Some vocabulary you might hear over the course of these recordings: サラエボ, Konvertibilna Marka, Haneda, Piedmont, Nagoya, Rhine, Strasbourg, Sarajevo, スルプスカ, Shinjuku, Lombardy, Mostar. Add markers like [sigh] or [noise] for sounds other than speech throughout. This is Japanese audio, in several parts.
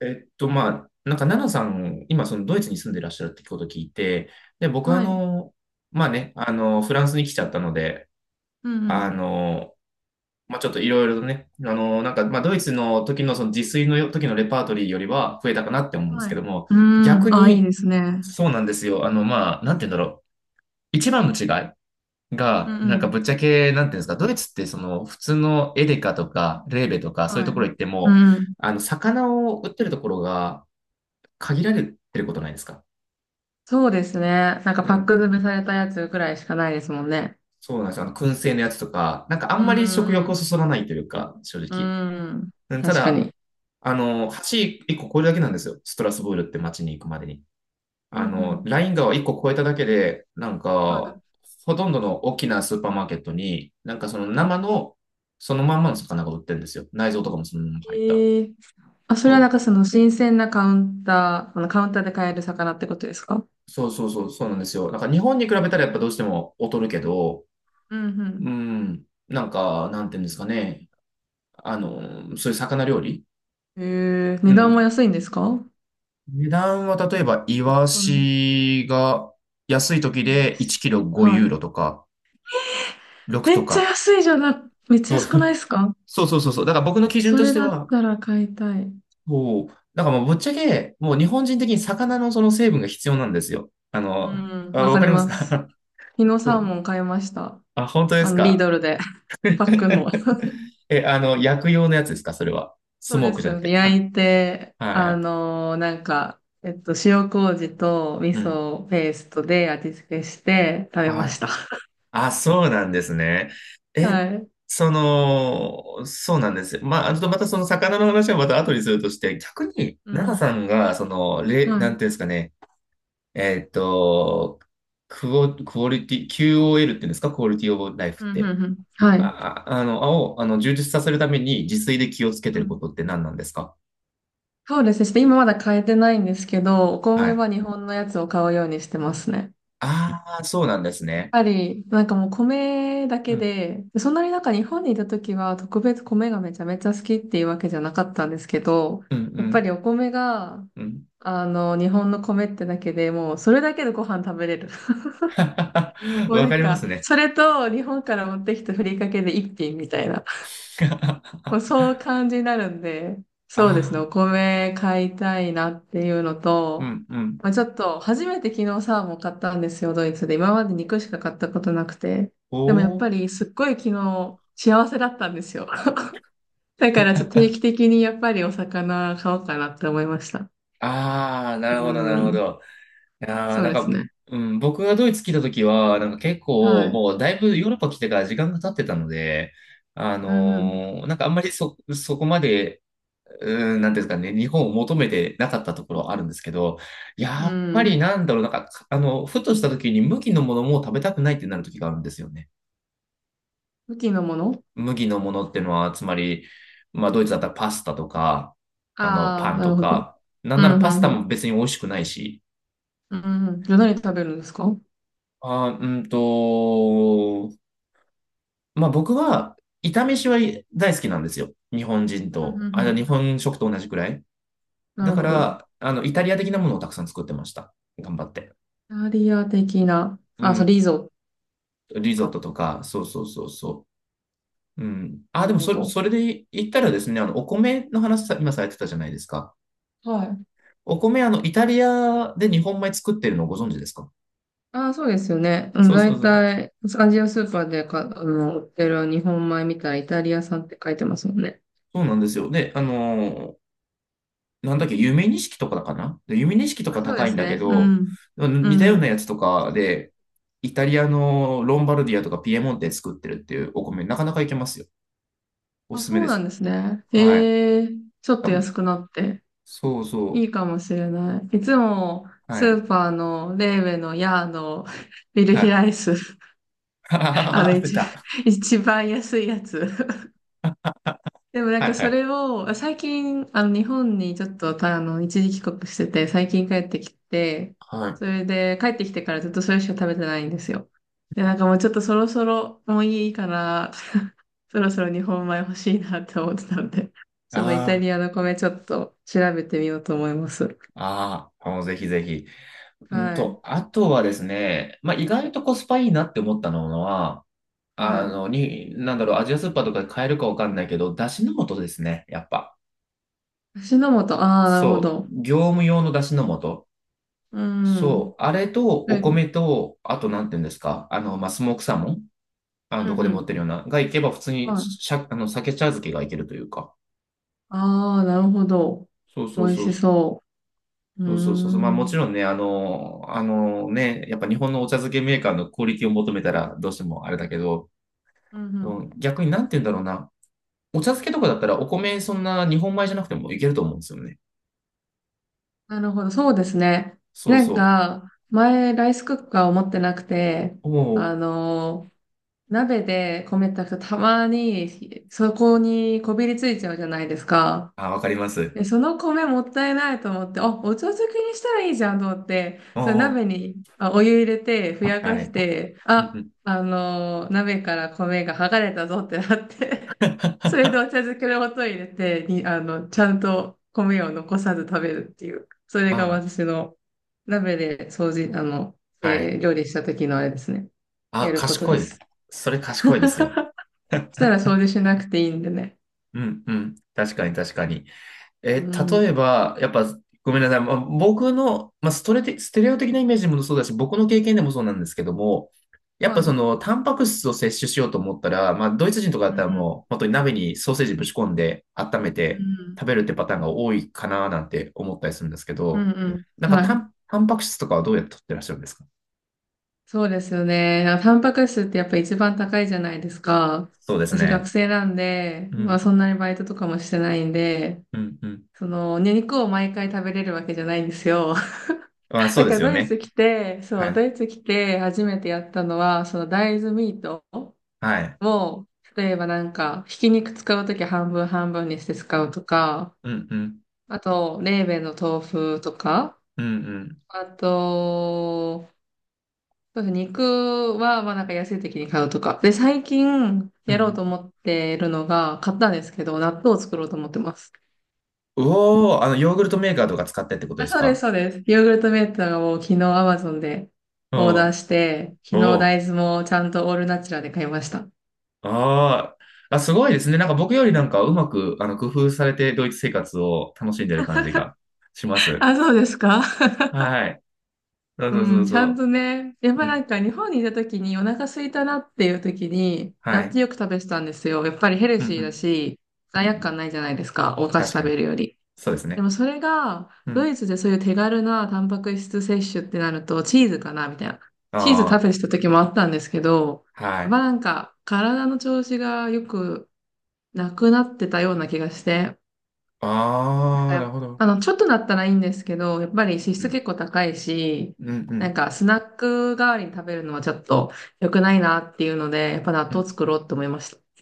まあ、なんか、奈々さん、今、そのドイツに住んでらっしゃるってことを聞いて、で、僕は、はい。まあね、フランスに来ちゃったので、うあんの、まあ、ちょっといろいろとね、なんか、まあ、ドイツの時の、その自炊の時のレパートリーよりは増えたかなって思うんうん。ですはけい。ども、うー逆ん。あ、いいに、ですね。そうなんですよ。まあ、なんて言うんだろう。一番の違いうが、んうなんか、ん。ぶっちゃけ、なんていうんですか、ドイツって、その、普通のエデカとか、レーベとか、そういうはとい。ころ行ってうも、んうん。魚を売ってるところが、限られてることないですか？そうですね。なんかうパッん。ク詰めされたやつくらいしかないですもんね。そうなんですよ。燻製のやつとか、なんかあうんまり食んう欲をんそそらないというか、正うん。直。うん。うん、た確かだ、に。橋1個超えるだけなんですよ。ストラスブールって街に行くまでに。うんうん。ライン川を1個越えただけで、なんか、はほとんどの大きなスーパーマーケットに、なんかその生の、そのまんまの魚が売ってるんですよ。内臓とかもそのままい。入った。ええ、あ、それはなんかその新鮮なカウンター、あのカウンターで買える魚ってことですか？そうそうそうそう、そうなんですよ。なんか日本に比べたらやっぱどうしても劣るけど、うんううん。ん、なんか、なんていうんですかね。そういう魚料理。ええ、う値段もん。安いんですか？値段は例えば、イワうん。シが安い時イワで1シ。キロ5はユーい。ロとか、6とか。めっちゃそう安そくなう。いですか？そうそうそうそう。だから僕の基準そとしれてだっは、たら買いたい。こう、なんかもうぶっちゃけ、もう日本人的に魚のその成分が必要なんですよ。うん、あ、わわかかりりますます。か？ 昨日 [laughs] うサーん。モン買いました。あ、本当ですリーか？ ドルで。[laughs] [laughs] パックンの。え、薬用のやつですかそれは？スそうモーでクすじゃなよくね。て。焼あ、いて、はい。なんか、塩麹と味うん。噌ペーストで味付けして食べはましい。た。[laughs] あ、そうなんですね。え、はい。その、そうなんですよ。まあ、ちょっとまたその魚の話はまた後にするとして、逆に、う奈々ん。さんが、その、はい。なんていうんですかね、えっと、クオリティ、QOL って言うんですか、クオリティオブライフうっん、うて。ん、うん。はあ、い。充実させるために自炊で気をつけてうるこん。とって何なんですか？そうですね。ちょっと今まだ買えてないんですけど、おは米い。は日本のやつを買うようにしてますね。ああ、そうなんですね。なんかもう米だうけん、で、そんなになんか日本にいた時は特別米がめちゃめちゃ好きっていうわけじゃなかったんですけど、うん、うやっぱん、りお米が、うん。日本の米ってだけでもうそれだけでご飯食べれる。[laughs] [laughs] もうわなんかりますか、ね。それと日本から持ってきたふりかけで一品みたいな、[laughs] もうそう感じになるんで、あそうですね、あ、お米買いたいなっていうのうと、ん、うん。まあ、ちょっと、初めて昨日サーモン買ったんですよ、ドイツで。今まで肉しか買ったことなくて。でもやっおぱり、すっごい昨日、幸せだったんですよ。[laughs] だから、ちょっと定期的にやっぱりお魚買おうかなって思いました。ああ、なうるほど、なるほん。ど。いやーそうなんですか、ね。うん、僕がドイツ来た時は、なんか結は構、い。もうだいぶヨーロッパ来てから時間が経ってたので、うんなんかあんまりそこまで、うん、なんていうんですかね、日本を求めてなかったところはあるんですけど、うやっん。ぱうん。りなんだろう、なんか、ふとした時に麦のものも食べたくないってなる時があるんですよね。武器のもの？麦のものってのは、つまり、まあ、ドイツだったらパスタとか、ああー、パンなとるほど。か、なんうならんうパスんタうん。も別に美味しくないし、うんうん。じゃあ何食べるんですか？うんあー、うんと、まあ僕は、炒めしは大好きなんですよ。日本人うんと、うあ、ん。日本食と同じくらい。なだるかほど。ら、イタリア的なものをたくさん作ってました。頑張って。イタリア的な。うあ、そん。う、リゾットリゾッか。トとか、そうそうそうそう。うん。あ、なでるもほど。それで言ったらですね、お米の話さ、今されてたじゃないですか。はい。お米、イタリアで日本米作ってるのをご存知ですか？ああ、そうですよね。うん、そうそう大そう。体、アジアスーパーでか、売ってる日本米みたいイタリア産って書いてますもんね。そうなんですよ。で、なんだっけ、夢錦とかかなで夢錦とあ、かそう高でいんすだけね。うど、ん。う似たようなん。やつとかで、イタリアのロンバルディアとかピエモンテ作ってるっていうお米、なかなかいけますよ。おあ、すすめそうでなんす。ですね。はい。ええ、ちょっ多と分、安くなって、そういそいかもしれない。いつも、う。はスい。ーパーの、レーベのヤーのビルはヒい。ライス、[laughs] ああの、あ、出一、た。一番安いやつ。でもなんはかいはそい。れを、最近、日本にちょっとたあの一時帰国してて、最近帰ってきて、はい。あそれで帰ってきてからずっとそれしか食べてないんですよ。で、なんかもうちょっとそろそろもういいから、[laughs] そろそろ日本米欲しいなって思ってたんで、そのイタあ、リアの米ちょっと調べてみようと思います。ああ、もうぜひぜひ。はい。あとはですね、まあ、意外とコスパいいなって思ったのは、はい。なんだろう、アジアスーパーとかで買えるかわかんないけど、だしの素ですね、やっぱ。足の素、ああ、なるほそう、ど。業務用の出汁の素。うん。そう、あれとうおん、米と、あとなんて言うんですか、まあ、スモークサーモン、うどん、こうでも売っん。てるような、がいけば普通にはい。鮭茶漬けがいけるというか。ああ、なるほど。そう美そう味そう。しそう。うーそうそうそうそう。まあもん。ちろんね、あのね、やっぱ日本のお茶漬けメーカーのクオリティを求めたらどうしてもあれだけど、うんううん。ん逆になんて言うんだろうな。お茶漬けとかだったらお米そんな日本米じゃなくてもいけると思うんですよね。なるほど、そうですね。そうなんそか、前、ライスクッカーを持ってなくて、う。おあお。の、鍋で米炊くとたまに、そこにこびりついちゃうじゃないですか。あ、わかります。で、その米もったいないと思って、あ、お茶漬けにしたらいいじゃんと思って、おその鍋お。にお湯入れて、ふやはかしい。て、うんうあ、ん。 鍋から米が剥がれたぞってなって、[laughs] それで [laughs] あお茶漬けの素を入れて、に、あの、ちゃんと米を残さず食べるっていう、それがあ、私の鍋で掃除、はい。料理した時のあれですね。あ、やること賢でい。す。それ [laughs] そ賢いですよ。したら掃除しなくていいんでね。うん、うん。確かに、確かに。えうー、ん。例えば、やっぱ、ごめんなさい。まあ、僕の、まあ、ステレオ的なイメージもそうだし、僕の経験でもそうなんですけども、やっはぱい。そうの、タンパク質を摂取しようと思ったら、まあ、ドイツ人とかだったらもう、ん。本当に鍋にソーセージぶち込んで、温めうてん。食べるってパターンが多いかななんて思ったりするんですけうど、んうん。なんかはい。タンパク質とかはどうやって取ってらっしゃるんですか？そうですよね。なんかタンパク質ってやっぱ一番高いじゃないですか。そうです私学ね。生なんで、うまん、あそんなにバイトとかもしてないんで、うん、うん。ね、肉を毎回食べれるわけじゃないんですよ。まあ、[laughs] そうだでからすよドイツね。来て、はそう、ドい。イツ来て初めてやったのは、その大豆ミートはい。を、例えばなんか、ひき肉使うとき半分半分にして使うとか、うん、うん。あと、レーベンの豆腐とか、うん、うん。あと、そうですね。肉は、まあなんか安い時に買うとか。で、最近うやろうとん。思ってるのが、買ったんですけど、納豆を作ろうと思ってます。うおー、ヨーグルトメーカーとか使ってってことあ、ですそうです、か？そうです。ヨーグルトメーターを昨日 Amazon でおオーダーー、して、昨日おー、大豆もちゃんとオールナチュラで買いました。あー。あ、すごいですね。なんか僕よりなんかうまく、工夫されてドイツ生活を楽しんでる感じがします。あ、そうですか。はい。そううそうそうん、ちそゃんとね、やっう。ぱうなん。んか日本にいた時にお腹空いたなっていう時に、は納い。豆よく食べてたんですよ。やっぱりヘルうんうシーだん。し、う罪悪んうん。感ないじゃないですか、お菓子確か食に。べるより。そうですでね。もそれが、うドん。イツでそういう手軽なタンパク質摂取ってなると、チーズかなみたいな。チーズ食あべてた時もあったんですけど、あ、はやっぱい。なんか、体の調子がよくなくなってたような気がして、なんあかあ、やなるっほど。あの、ちょっとなったらいいんですけど、やっぱり脂う質ん。結構高いし、うんうなんん。かスナック代わりに食べるのはちょっと良くないなっていうので、やっぱ納う豆ん。作ろうって思いました。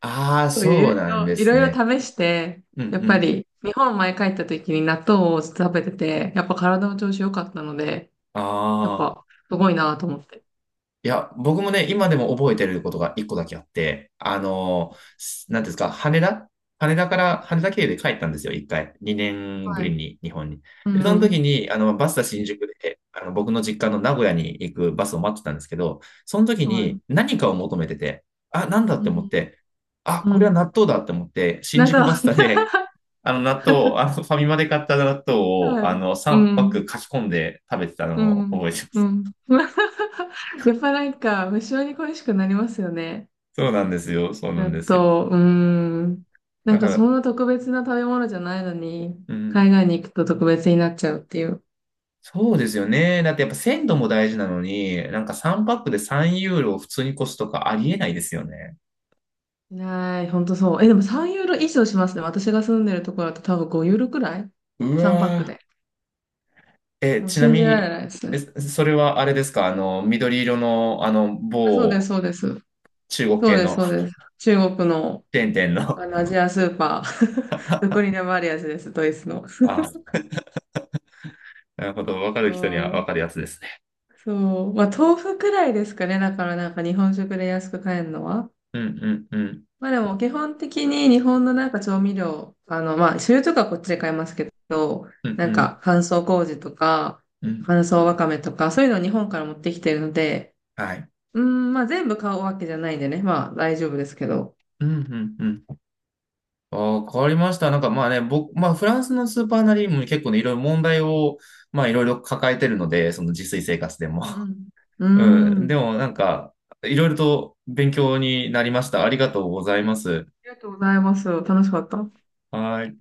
ああ、そういろそういなんろ、でいすろいね。ろ試して、うんやっうぱん。り日本前帰った時に納豆を食べてて、やっぱ体の調子良かったので、やっああ、ぱすごいなと思って。いや、僕もね、今でも覚えてることが一個だけあって、あのなんていうんですか、羽田から、羽田経由で帰ったんですよ、一回。2年ぶはりい。に、日本に。うで、その時ん。に、バスタ新宿で、僕の実家の名古屋に行くバスを待ってたんですけど、その時はい。に何かを求めてて、あ、なんだっうて思っん。て、あ、うこれはん。納豆だって思って、新納宿豆。バ [laughs] スタで、[laughs] 納豆を、ファミマで買った納豆を、はい。う3パック書ん。き込んで食べてたうのをん。覚えてまうす。ん。やっぱなんか無性に恋しくなりますよね。そうなんですよ。そうな納んですよ。豆。うん。なんだかから、そんな特別な食べ物じゃないのに、うん。海外に行くと特別になっちゃうっていう。そうですよね。だってやっぱ鮮度も大事なのに、なんか3パックで3ユーロを普通に越すとかありえないですよね。ない、ほんとそう。え、でも3ユーロ以上しますね。私が住んでるところだと多分5ユーロくらい う ?3 パックわで。ー。え、もうちな信みじられに、ないですえ、ね。それはあれですか？緑色の、あ、そうです、某そうです。中国そう系です、の そうです。[laughs] 中国の、チェーン店の？あのアジアスーパー。[laughs] どこにでもあるやつです、ドイツの。あ、なるほど。わかる人にはそわう、かるやつですね。そう。まあ、豆腐くらいですかね。だからなんか日本食で安く買えるのは。うんうんうん。まあでも基本的に日本のなんか調味料、まあ醤油とかこっちで買いますけど、うんなうんんか乾燥麹とかうん。乾燥わかめとかそういうのを日本から持ってきてるので、はい。うーん、まあ全部買うわけじゃないんでね、まあ大丈夫ですけど。うんうんうん。ああ、変わりました。なんかまあね、僕、まあフランスのスーパーなりにも結構ね、いろいろ問題を、まあいろいろ抱えてるので、その自炊生活でも。うんう [laughs] ん。ううーん。でん。もなんか、いろいろと勉強になりました。ありがとうございます。ありがとうございます。楽しかった。はい。